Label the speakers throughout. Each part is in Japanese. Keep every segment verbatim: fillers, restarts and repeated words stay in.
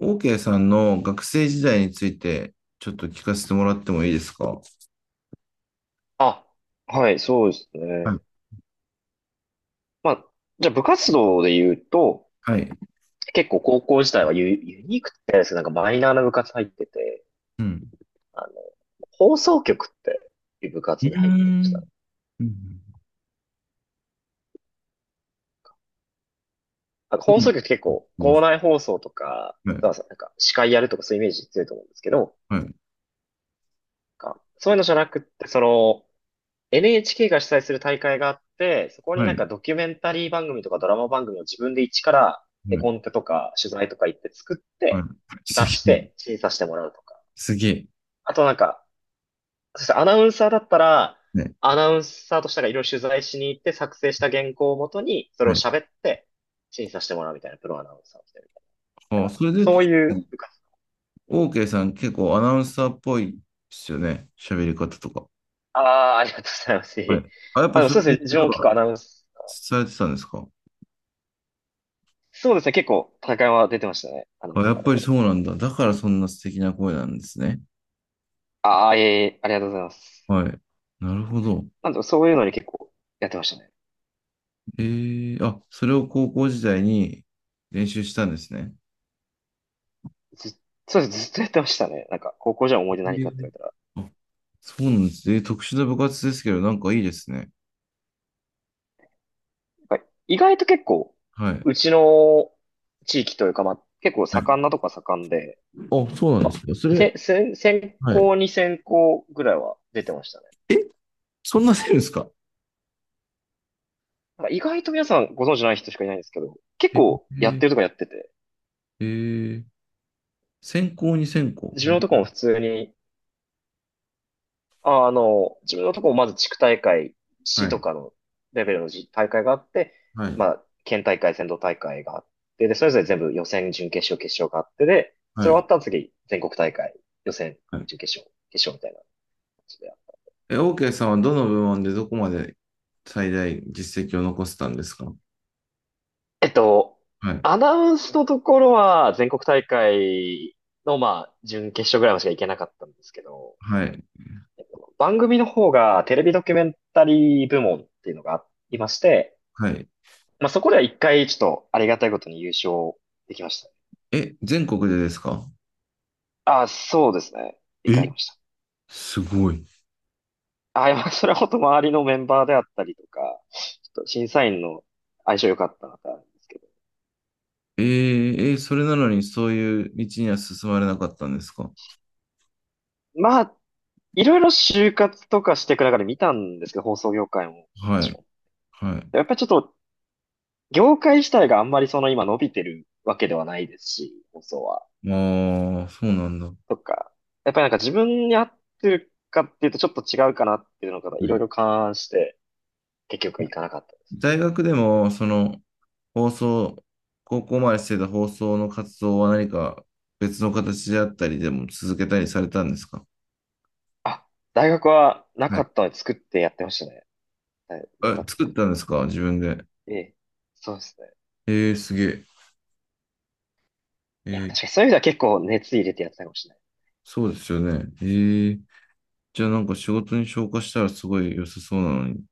Speaker 1: OK さんの学生時代についてちょっと聞かせてもらってもいいですか？
Speaker 2: あ、はい、そうです
Speaker 1: はい。
Speaker 2: ね。まあ、じゃあ部活動で言うと、
Speaker 1: はい。
Speaker 2: 結構高校時代はユ、ユニークって言ったんですけど、なんかマイナーな部活入ってて、
Speaker 1: うん。
Speaker 2: あの、放送局っていう部
Speaker 1: うー
Speaker 2: 活に入ってました。
Speaker 1: ん。うん。
Speaker 2: なんか放送局って結構、
Speaker 1: もう、
Speaker 2: 校内放送とか、
Speaker 1: はい。
Speaker 2: そうそうなんか司会やるとかそういうイメージ強いと思うんですけど、
Speaker 1: はい。
Speaker 2: なんかそういうのじゃなくって、その、エヌエイチケー が主催する大会があって、そこに
Speaker 1: は
Speaker 2: なん
Speaker 1: い。
Speaker 2: かドキュメンタリー番組とかドラマ番組を自分で一から絵コンテとか取材とか行って作っ
Speaker 1: はい。
Speaker 2: て
Speaker 1: はい。す
Speaker 2: 出し
Speaker 1: げえ。
Speaker 2: て審査してもらうとか。
Speaker 1: すげえ。
Speaker 2: あとなんか、そしてアナウンサーだったら、
Speaker 1: ね。
Speaker 2: アナウンサーとしてがいろいろ取材しに行って作成した原稿をもとにそれを
Speaker 1: はい。
Speaker 2: 喋って審査してもらうみたいなプロアナウンサーをしてるみたいな。だ
Speaker 1: あ、
Speaker 2: から
Speaker 1: それで言う
Speaker 2: そう
Speaker 1: と、
Speaker 2: いう部活。
Speaker 1: OK さん結構アナウンサーっぽいですよね。喋り方とか。
Speaker 2: ああ、ありがとうございます。いえい
Speaker 1: はい。
Speaker 2: え、
Speaker 1: あ、やっ
Speaker 2: まあ
Speaker 1: ぱ
Speaker 2: でも
Speaker 1: そうい
Speaker 2: そ
Speaker 1: う
Speaker 2: うで
Speaker 1: 練
Speaker 2: すね、自
Speaker 1: 習
Speaker 2: 分も
Speaker 1: と
Speaker 2: 結
Speaker 1: か
Speaker 2: 構アナウンス、
Speaker 1: されてたんですか？
Speaker 2: そうですね、結構大会は出てましたね、アナ
Speaker 1: あ、
Speaker 2: ウン
Speaker 1: や
Speaker 2: サ
Speaker 1: っ
Speaker 2: ー
Speaker 1: ぱ
Speaker 2: で。
Speaker 1: りそうなんだ。だからそんな素敵な声なんですね。
Speaker 2: ああ、いえいえ、ありがとうございます。
Speaker 1: はい。なるほど。
Speaker 2: なんで、そういうのに結構やってましたね。
Speaker 1: ええ、あ、それを高校時代に練習したんですね。
Speaker 2: ず、そうです、ずっとやってましたね。なんか、高校時代の思い出
Speaker 1: え
Speaker 2: 何かって
Speaker 1: ー、
Speaker 2: 言われ
Speaker 1: あ、そうなんです。えー特殊な部活ですけど、なんかいいですね。
Speaker 2: たら、やっぱ意外と結構、
Speaker 1: はい。
Speaker 2: うちの地域というか、まあ、結構
Speaker 1: はい、
Speaker 2: 盛んなとこは盛んで、
Speaker 1: あ、そうな
Speaker 2: な
Speaker 1: んで
Speaker 2: んか、
Speaker 1: すね。それ、
Speaker 2: せ、せ、専
Speaker 1: はい。
Speaker 2: 攻に専攻ぐらいは出てましたね。
Speaker 1: え、そんなせるんですか？
Speaker 2: なんか意外と皆さんご存知ない人しかいないんですけど、結
Speaker 1: え
Speaker 2: 構やっ
Speaker 1: ー、
Speaker 2: てるとかやってて、
Speaker 1: えー、専攻に専攻。
Speaker 2: 自
Speaker 1: え
Speaker 2: 分の
Speaker 1: ー、
Speaker 2: とこも普通にああの、自分のとこもまず地区大会、
Speaker 1: は
Speaker 2: 市と
Speaker 1: い、
Speaker 2: かのレベルのじ大会があって、
Speaker 1: は
Speaker 2: ま
Speaker 1: い、
Speaker 2: あ、県大会、全道大会があって、で、それぞれ全部予選、準決勝、決勝があって、で、
Speaker 1: は
Speaker 2: それ終わっ
Speaker 1: い、
Speaker 2: たら次、全国大会、予選、
Speaker 1: はい。
Speaker 2: 準決勝、決勝みたいな感じで。
Speaker 1: え、OK さんはどの部門でどこまで最大実績を残せたんですか？
Speaker 2: えっと、
Speaker 1: はい、
Speaker 2: アナウンスのところは全国大会の、まあ、準決勝ぐらいまでしか行けなかったんですけど、
Speaker 1: はい、
Speaker 2: 番組の方がテレビドキュメンタリー部門っていうのがありまして、
Speaker 1: はい。
Speaker 2: まあ、そこでは一回、ちょっと、ありがたいことに優勝できましたね。
Speaker 1: え、全国でですか？
Speaker 2: ああ、そうですね。一回やり
Speaker 1: え、
Speaker 2: ました。
Speaker 1: すごい。
Speaker 2: ああ、いやそれは本当周りのメンバーであったりとか、ちょっと審査員の相性良かったなってあるんですけど。
Speaker 1: えー、えーそれなのにそういう道には進まれなかったんですか？
Speaker 2: まあ、いろいろ就活とかしていく中で見たんですけど、放送業界もも
Speaker 1: は
Speaker 2: ち
Speaker 1: い、
Speaker 2: ろん。
Speaker 1: はい。
Speaker 2: やっぱりちょっと、業界自体があんまりその今伸びてるわけではないですし、放送は。
Speaker 1: ああ、そうなんだ。
Speaker 2: とか、やっぱりなんか自分に合ってるかっていうとちょっと違うかなっていうのがいろい
Speaker 1: ね。
Speaker 2: ろ勘案して、結局いかなかった。
Speaker 1: 大学でも、その、放送、高校までしてた放送の活動は何か別の形であったりでも続けたりされたんですか？
Speaker 2: あ、大学はな
Speaker 1: は
Speaker 2: か
Speaker 1: い。
Speaker 2: ったので作ってやってましたね。はい、部
Speaker 1: あ、
Speaker 2: 活
Speaker 1: 作
Speaker 2: 作
Speaker 1: っ
Speaker 2: っ
Speaker 1: たんですか自分で。
Speaker 2: て。そうですね。
Speaker 1: えー、すげえ。え
Speaker 2: いや、確
Speaker 1: ー、
Speaker 2: かにそういう意味では結構熱入れてやってたかもしれない。
Speaker 1: そうですよね。えー、じゃあなんか仕事に昇華したらすごい良さそうなのに。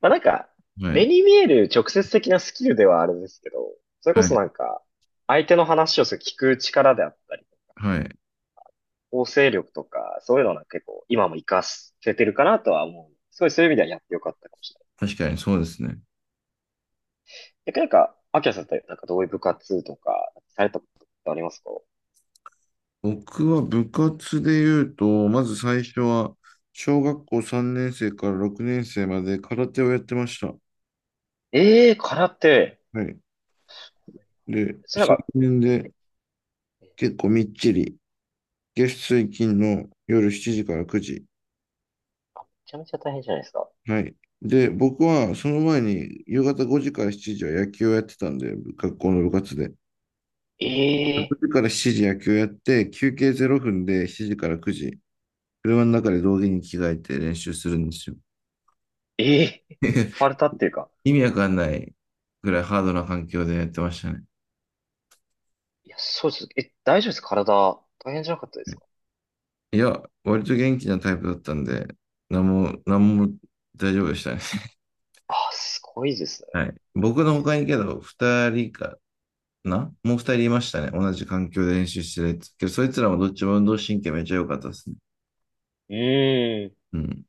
Speaker 2: まあなんか、
Speaker 1: は
Speaker 2: 目
Speaker 1: い、
Speaker 2: に見える直接的なスキルではあるんですけど、それこ
Speaker 1: は
Speaker 2: そ
Speaker 1: い、
Speaker 2: なんか、相手の話をする聞く力であったり、
Speaker 1: はい。
Speaker 2: 構成力とか、そういうのは結構今も活かせてるかなとは思う。すごいそういう意味ではやってよかったかもしれない。
Speaker 1: 確かにそうですね。
Speaker 2: 逆になんか、アキラさんってなんかどういう部活とか、されたことってありますか？
Speaker 1: 僕は部活で言うと、まず最初は、小学校さんねん生からろくねん生まで空手をやってました。
Speaker 2: ええー、空手。
Speaker 1: はい。で、
Speaker 2: それなんか、
Speaker 1: さんねん
Speaker 2: え
Speaker 1: で結構みっちり、月水金の夜しちじからくじ。
Speaker 2: あめちゃめちゃ大変じゃないですか。
Speaker 1: はい。で、僕はその前に夕方ごじからしちじは野球をやってたんで、部学校の部活で。
Speaker 2: え
Speaker 1: 6
Speaker 2: え、
Speaker 1: 時からしちじ野球やって、休憩ゼロふんでしちじからくじ、車の中で道着に着替えて練習するんですよ。
Speaker 2: ええ、ーパルタっていうか。
Speaker 1: 意味わかんないぐらいハードな環境でやってましたね。
Speaker 2: いや、そうです。え、大丈夫ですか体、大変じゃなかったですか？
Speaker 1: いや、割と元気なタイプだったんで、なんも、なんも大丈夫でしたね。
Speaker 2: あ、すごいですね。
Speaker 1: はい。僕の他にけど、二人かなもう二人いましたね。同じ環境で練習してるやつ。けど、そいつらもどっちも運動神経めっちゃ良かったですね。
Speaker 2: うーん。
Speaker 1: うん。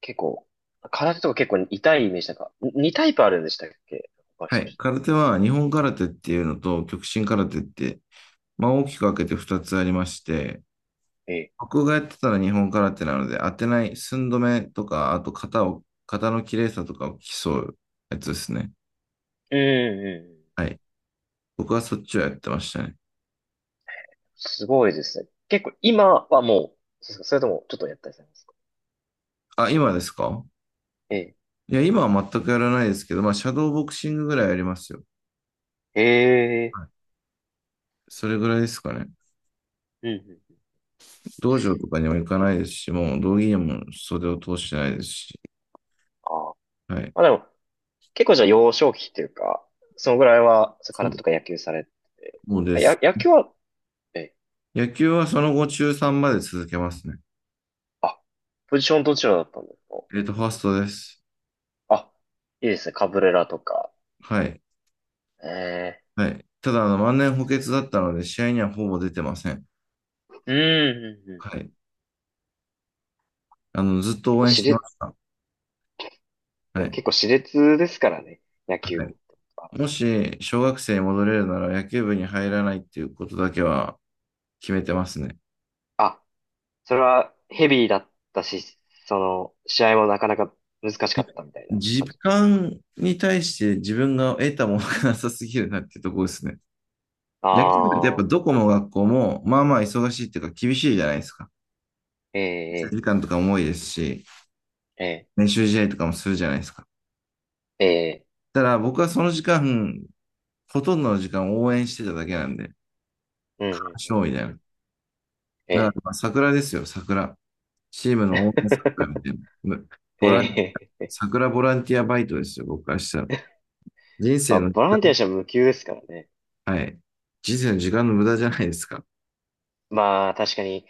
Speaker 2: 結構、空手とか結構痛いイメージなんか、ににタイプあるんでしたっけ、他の
Speaker 1: は
Speaker 2: 人も
Speaker 1: い。
Speaker 2: 知っ
Speaker 1: 空手は、日本空手っていうのと、極真空手って、まあ大きく分けて二つありまして、
Speaker 2: てええ。
Speaker 1: 僕がやってたら日本空手なので、当てない、寸止めとか、あと型を、型の綺麗さとかを競うやつですね。
Speaker 2: うんうんうん。
Speaker 1: はい。僕はそっちをやってましたね。
Speaker 2: すごいですね。結構今はもう、そうですかそれともちょっとやったりされますか？
Speaker 1: あ、今ですか？
Speaker 2: ええ。
Speaker 1: いや、今は全くやらないですけど、まあ、シャドーボクシングぐらいやりますよ。
Speaker 2: ええ。
Speaker 1: はい、それぐらいですかね。
Speaker 2: うんうんうん。
Speaker 1: 道場とかにも行かないですし、もう道着にも袖を通してないですし。
Speaker 2: ああ。
Speaker 1: はい。
Speaker 2: まあでも、結構じゃあ幼少期っていうか、そのぐらいは、そう
Speaker 1: そ
Speaker 2: 空手
Speaker 1: う。
Speaker 2: とか野球されて
Speaker 1: もうで
Speaker 2: て、や、
Speaker 1: す。
Speaker 2: 野球は、え、
Speaker 1: 野球はその後中さんまで続けますね。
Speaker 2: あ、ポジションどちらだったんですか？
Speaker 1: えっと、ファーストです。
Speaker 2: あ、いいですね、カブレラとか。
Speaker 1: はい。
Speaker 2: え
Speaker 1: はい。ただ、あの、万年補欠だったので、試合にはほぼ出てません。
Speaker 2: え、うんうん。う
Speaker 1: は
Speaker 2: んうん、
Speaker 1: い。あの、ずっと
Speaker 2: 結構
Speaker 1: 応援
Speaker 2: し
Speaker 1: してま
Speaker 2: れ、
Speaker 1: した。
Speaker 2: で
Speaker 1: は
Speaker 2: も
Speaker 1: い。
Speaker 2: 結構熾烈ですからね、野
Speaker 1: は
Speaker 2: 球
Speaker 1: い。
Speaker 2: 部と
Speaker 1: も
Speaker 2: 争いが。
Speaker 1: し、小学生に戻れるなら、野球部に入らないっていうことだけは決めてますね。
Speaker 2: あ、それはヘビーだったし、その、試合もなかなか難しかったみたいな
Speaker 1: 時
Speaker 2: 感じ。
Speaker 1: 間に対して自分が得たものがなさすぎるなっていうところですね。野球部ってやっ
Speaker 2: あ
Speaker 1: ぱ
Speaker 2: あ、
Speaker 1: どこの学校も、まあまあ忙しいっていうか厳しいじゃないですか。
Speaker 2: ええ、
Speaker 1: 時間とかも多いですし、
Speaker 2: ええ、
Speaker 1: 練習試合とかもするじゃないですか。
Speaker 2: ええ、ええ、
Speaker 1: ただ僕はその時間、ほとんどの時間を応援してただけなんで、
Speaker 2: うん、うん、う
Speaker 1: 勝利
Speaker 2: ん、う
Speaker 1: だ
Speaker 2: ん、
Speaker 1: よ。
Speaker 2: え
Speaker 1: だから
Speaker 2: え
Speaker 1: まあ桜ですよ、桜。チームの応援桜みたいな。む、ボランティア、
Speaker 2: ええ、
Speaker 1: 桜ボランティアバイトですよ、僕からしたら。人
Speaker 2: ま
Speaker 1: 生
Speaker 2: あ、
Speaker 1: の時
Speaker 2: ボランティアしても無給ですからね。
Speaker 1: 間、はい。人生の時間の無駄じゃないですか。
Speaker 2: まあ、確かに、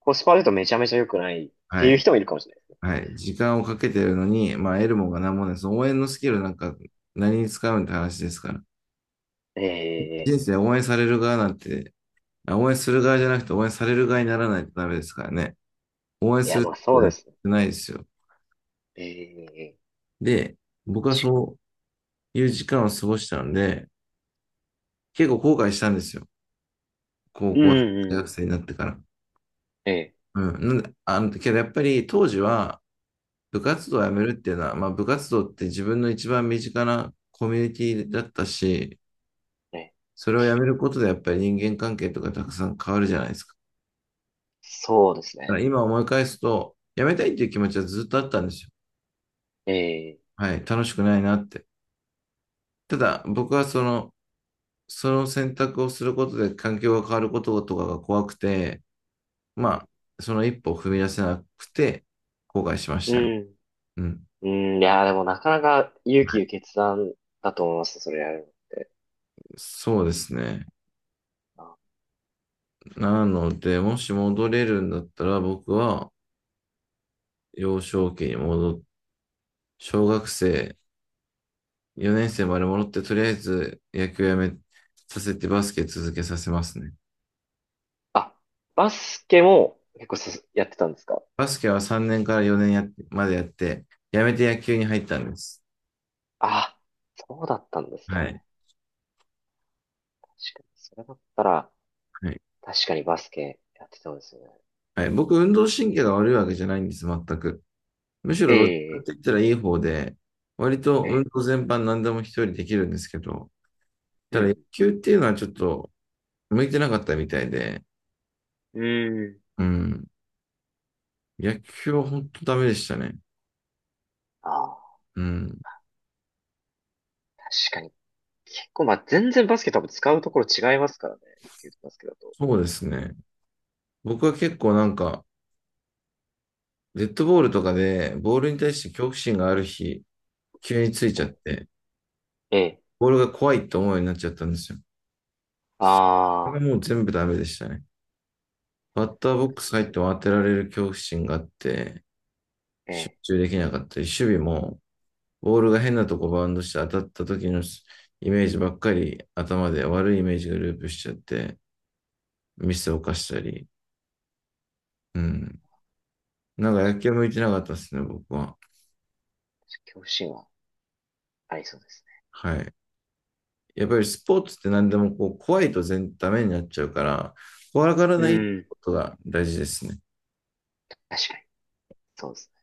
Speaker 2: コスパ悪いとめちゃめちゃ良くないっ
Speaker 1: は
Speaker 2: ていう
Speaker 1: い。
Speaker 2: 人もいるかもしれないですね。
Speaker 1: はい。時間をかけてるのに、まあ、得るもんが何もないです。応援のスキルなんか何に使うんって話ですから。
Speaker 2: ええ、
Speaker 1: 人生応援される側なんて、あ、応援する側じゃなくて応援される側にならないとダメですからね。応援
Speaker 2: い
Speaker 1: す
Speaker 2: や、
Speaker 1: る
Speaker 2: まあ
Speaker 1: って
Speaker 2: そう
Speaker 1: なっ
Speaker 2: で
Speaker 1: て
Speaker 2: すね。
Speaker 1: ないですよ。
Speaker 2: ええ、
Speaker 1: で、僕はそういう時間を過ごしたので、結構後悔したんですよ。高
Speaker 2: うん
Speaker 1: 校、大
Speaker 2: う
Speaker 1: 学
Speaker 2: ん。
Speaker 1: 生になってから。
Speaker 2: ええ、
Speaker 1: うん。なんで、あの、けどやっぱり当時は部活動をやめるっていうのは、まあ部活動って自分の一番身近なコミュニティだったし、
Speaker 2: ええ、
Speaker 1: それをやめることでやっぱり人間関係とかたくさん変わるじゃないですか。
Speaker 2: そうです
Speaker 1: だから
Speaker 2: ね。
Speaker 1: 今思い返すと、やめたいっていう気持ちはずっとあったんですよ。
Speaker 2: ええ、
Speaker 1: はい。楽しくないなって。ただ僕はその、その選択をすることで環境が変わることとかが怖くて、
Speaker 2: うん、
Speaker 1: まあ、その一歩を踏み出せなくて後悔しまし
Speaker 2: う
Speaker 1: たね。
Speaker 2: ん。
Speaker 1: うん、
Speaker 2: うん、いや、でもなかなか勇気いる決断だと思います、それやる
Speaker 1: そうですね。
Speaker 2: のは。
Speaker 1: なので、もし戻れるんだったら、僕は幼少期に戻っ、小学生よねん生まで戻って、とりあえず野球やめさせてバスケ続けさせますね。
Speaker 2: あ、バスケも結構すやってたんですか？
Speaker 1: バスケはさんねんからよねんやっまでやって、やめて野球に入ったんです。
Speaker 2: あ、そうだったんですね。
Speaker 1: はい。
Speaker 2: 確かに、それだったら、
Speaker 1: はい。
Speaker 2: 確かにバスケやってたんですよね。
Speaker 1: はい、僕、運動神経が悪いわけじゃないんです、全く。むし
Speaker 2: え
Speaker 1: ろどっちかっ
Speaker 2: え、
Speaker 1: て言ったらいい方で、割と
Speaker 2: え
Speaker 1: 運
Speaker 2: え、
Speaker 1: 動全般何でも一人できるんですけど、
Speaker 2: う
Speaker 1: ただ野
Speaker 2: ん、
Speaker 1: 球っていうのはちょっと、向いてなかったみたいで、
Speaker 2: うん。うーん、
Speaker 1: うん。野球は本当ダメでしたね。
Speaker 2: ああ、
Speaker 1: うん。
Speaker 2: 確かに。結構、まあ、全然バスケ多分使うところ違いますからね。野球とバスケだと。
Speaker 1: そうですね。僕は結構なんか、デッドボールとかで、ボールに対して恐怖心がある日、急につい
Speaker 2: え
Speaker 1: ちゃっ
Speaker 2: え、
Speaker 1: て、
Speaker 2: ええ、
Speaker 1: ボールが怖いって思うようになっちゃったんですよ。それが
Speaker 2: あ
Speaker 1: もう全部ダメでしたね。バッターボッ
Speaker 2: あ、
Speaker 1: クス
Speaker 2: そういう
Speaker 1: 入
Speaker 2: の
Speaker 1: っても当てられる恐怖心があって、
Speaker 2: え
Speaker 1: 集
Speaker 2: え、
Speaker 1: 中できなかったり、守備も、ボールが変なとこバウンドして当たった時のイメージばっかり頭で悪いイメージがループしちゃって、ミスを犯したり、うん。なんか野球向いてなかったですね、僕は。
Speaker 2: 恐怖心はありそうです
Speaker 1: はい。やっぱりスポーツって何でもこう怖いと全ダメになっちゃうから、怖がら
Speaker 2: ね。
Speaker 1: ない
Speaker 2: うん、
Speaker 1: ことが大事ですね。
Speaker 2: 確かに。そうですね。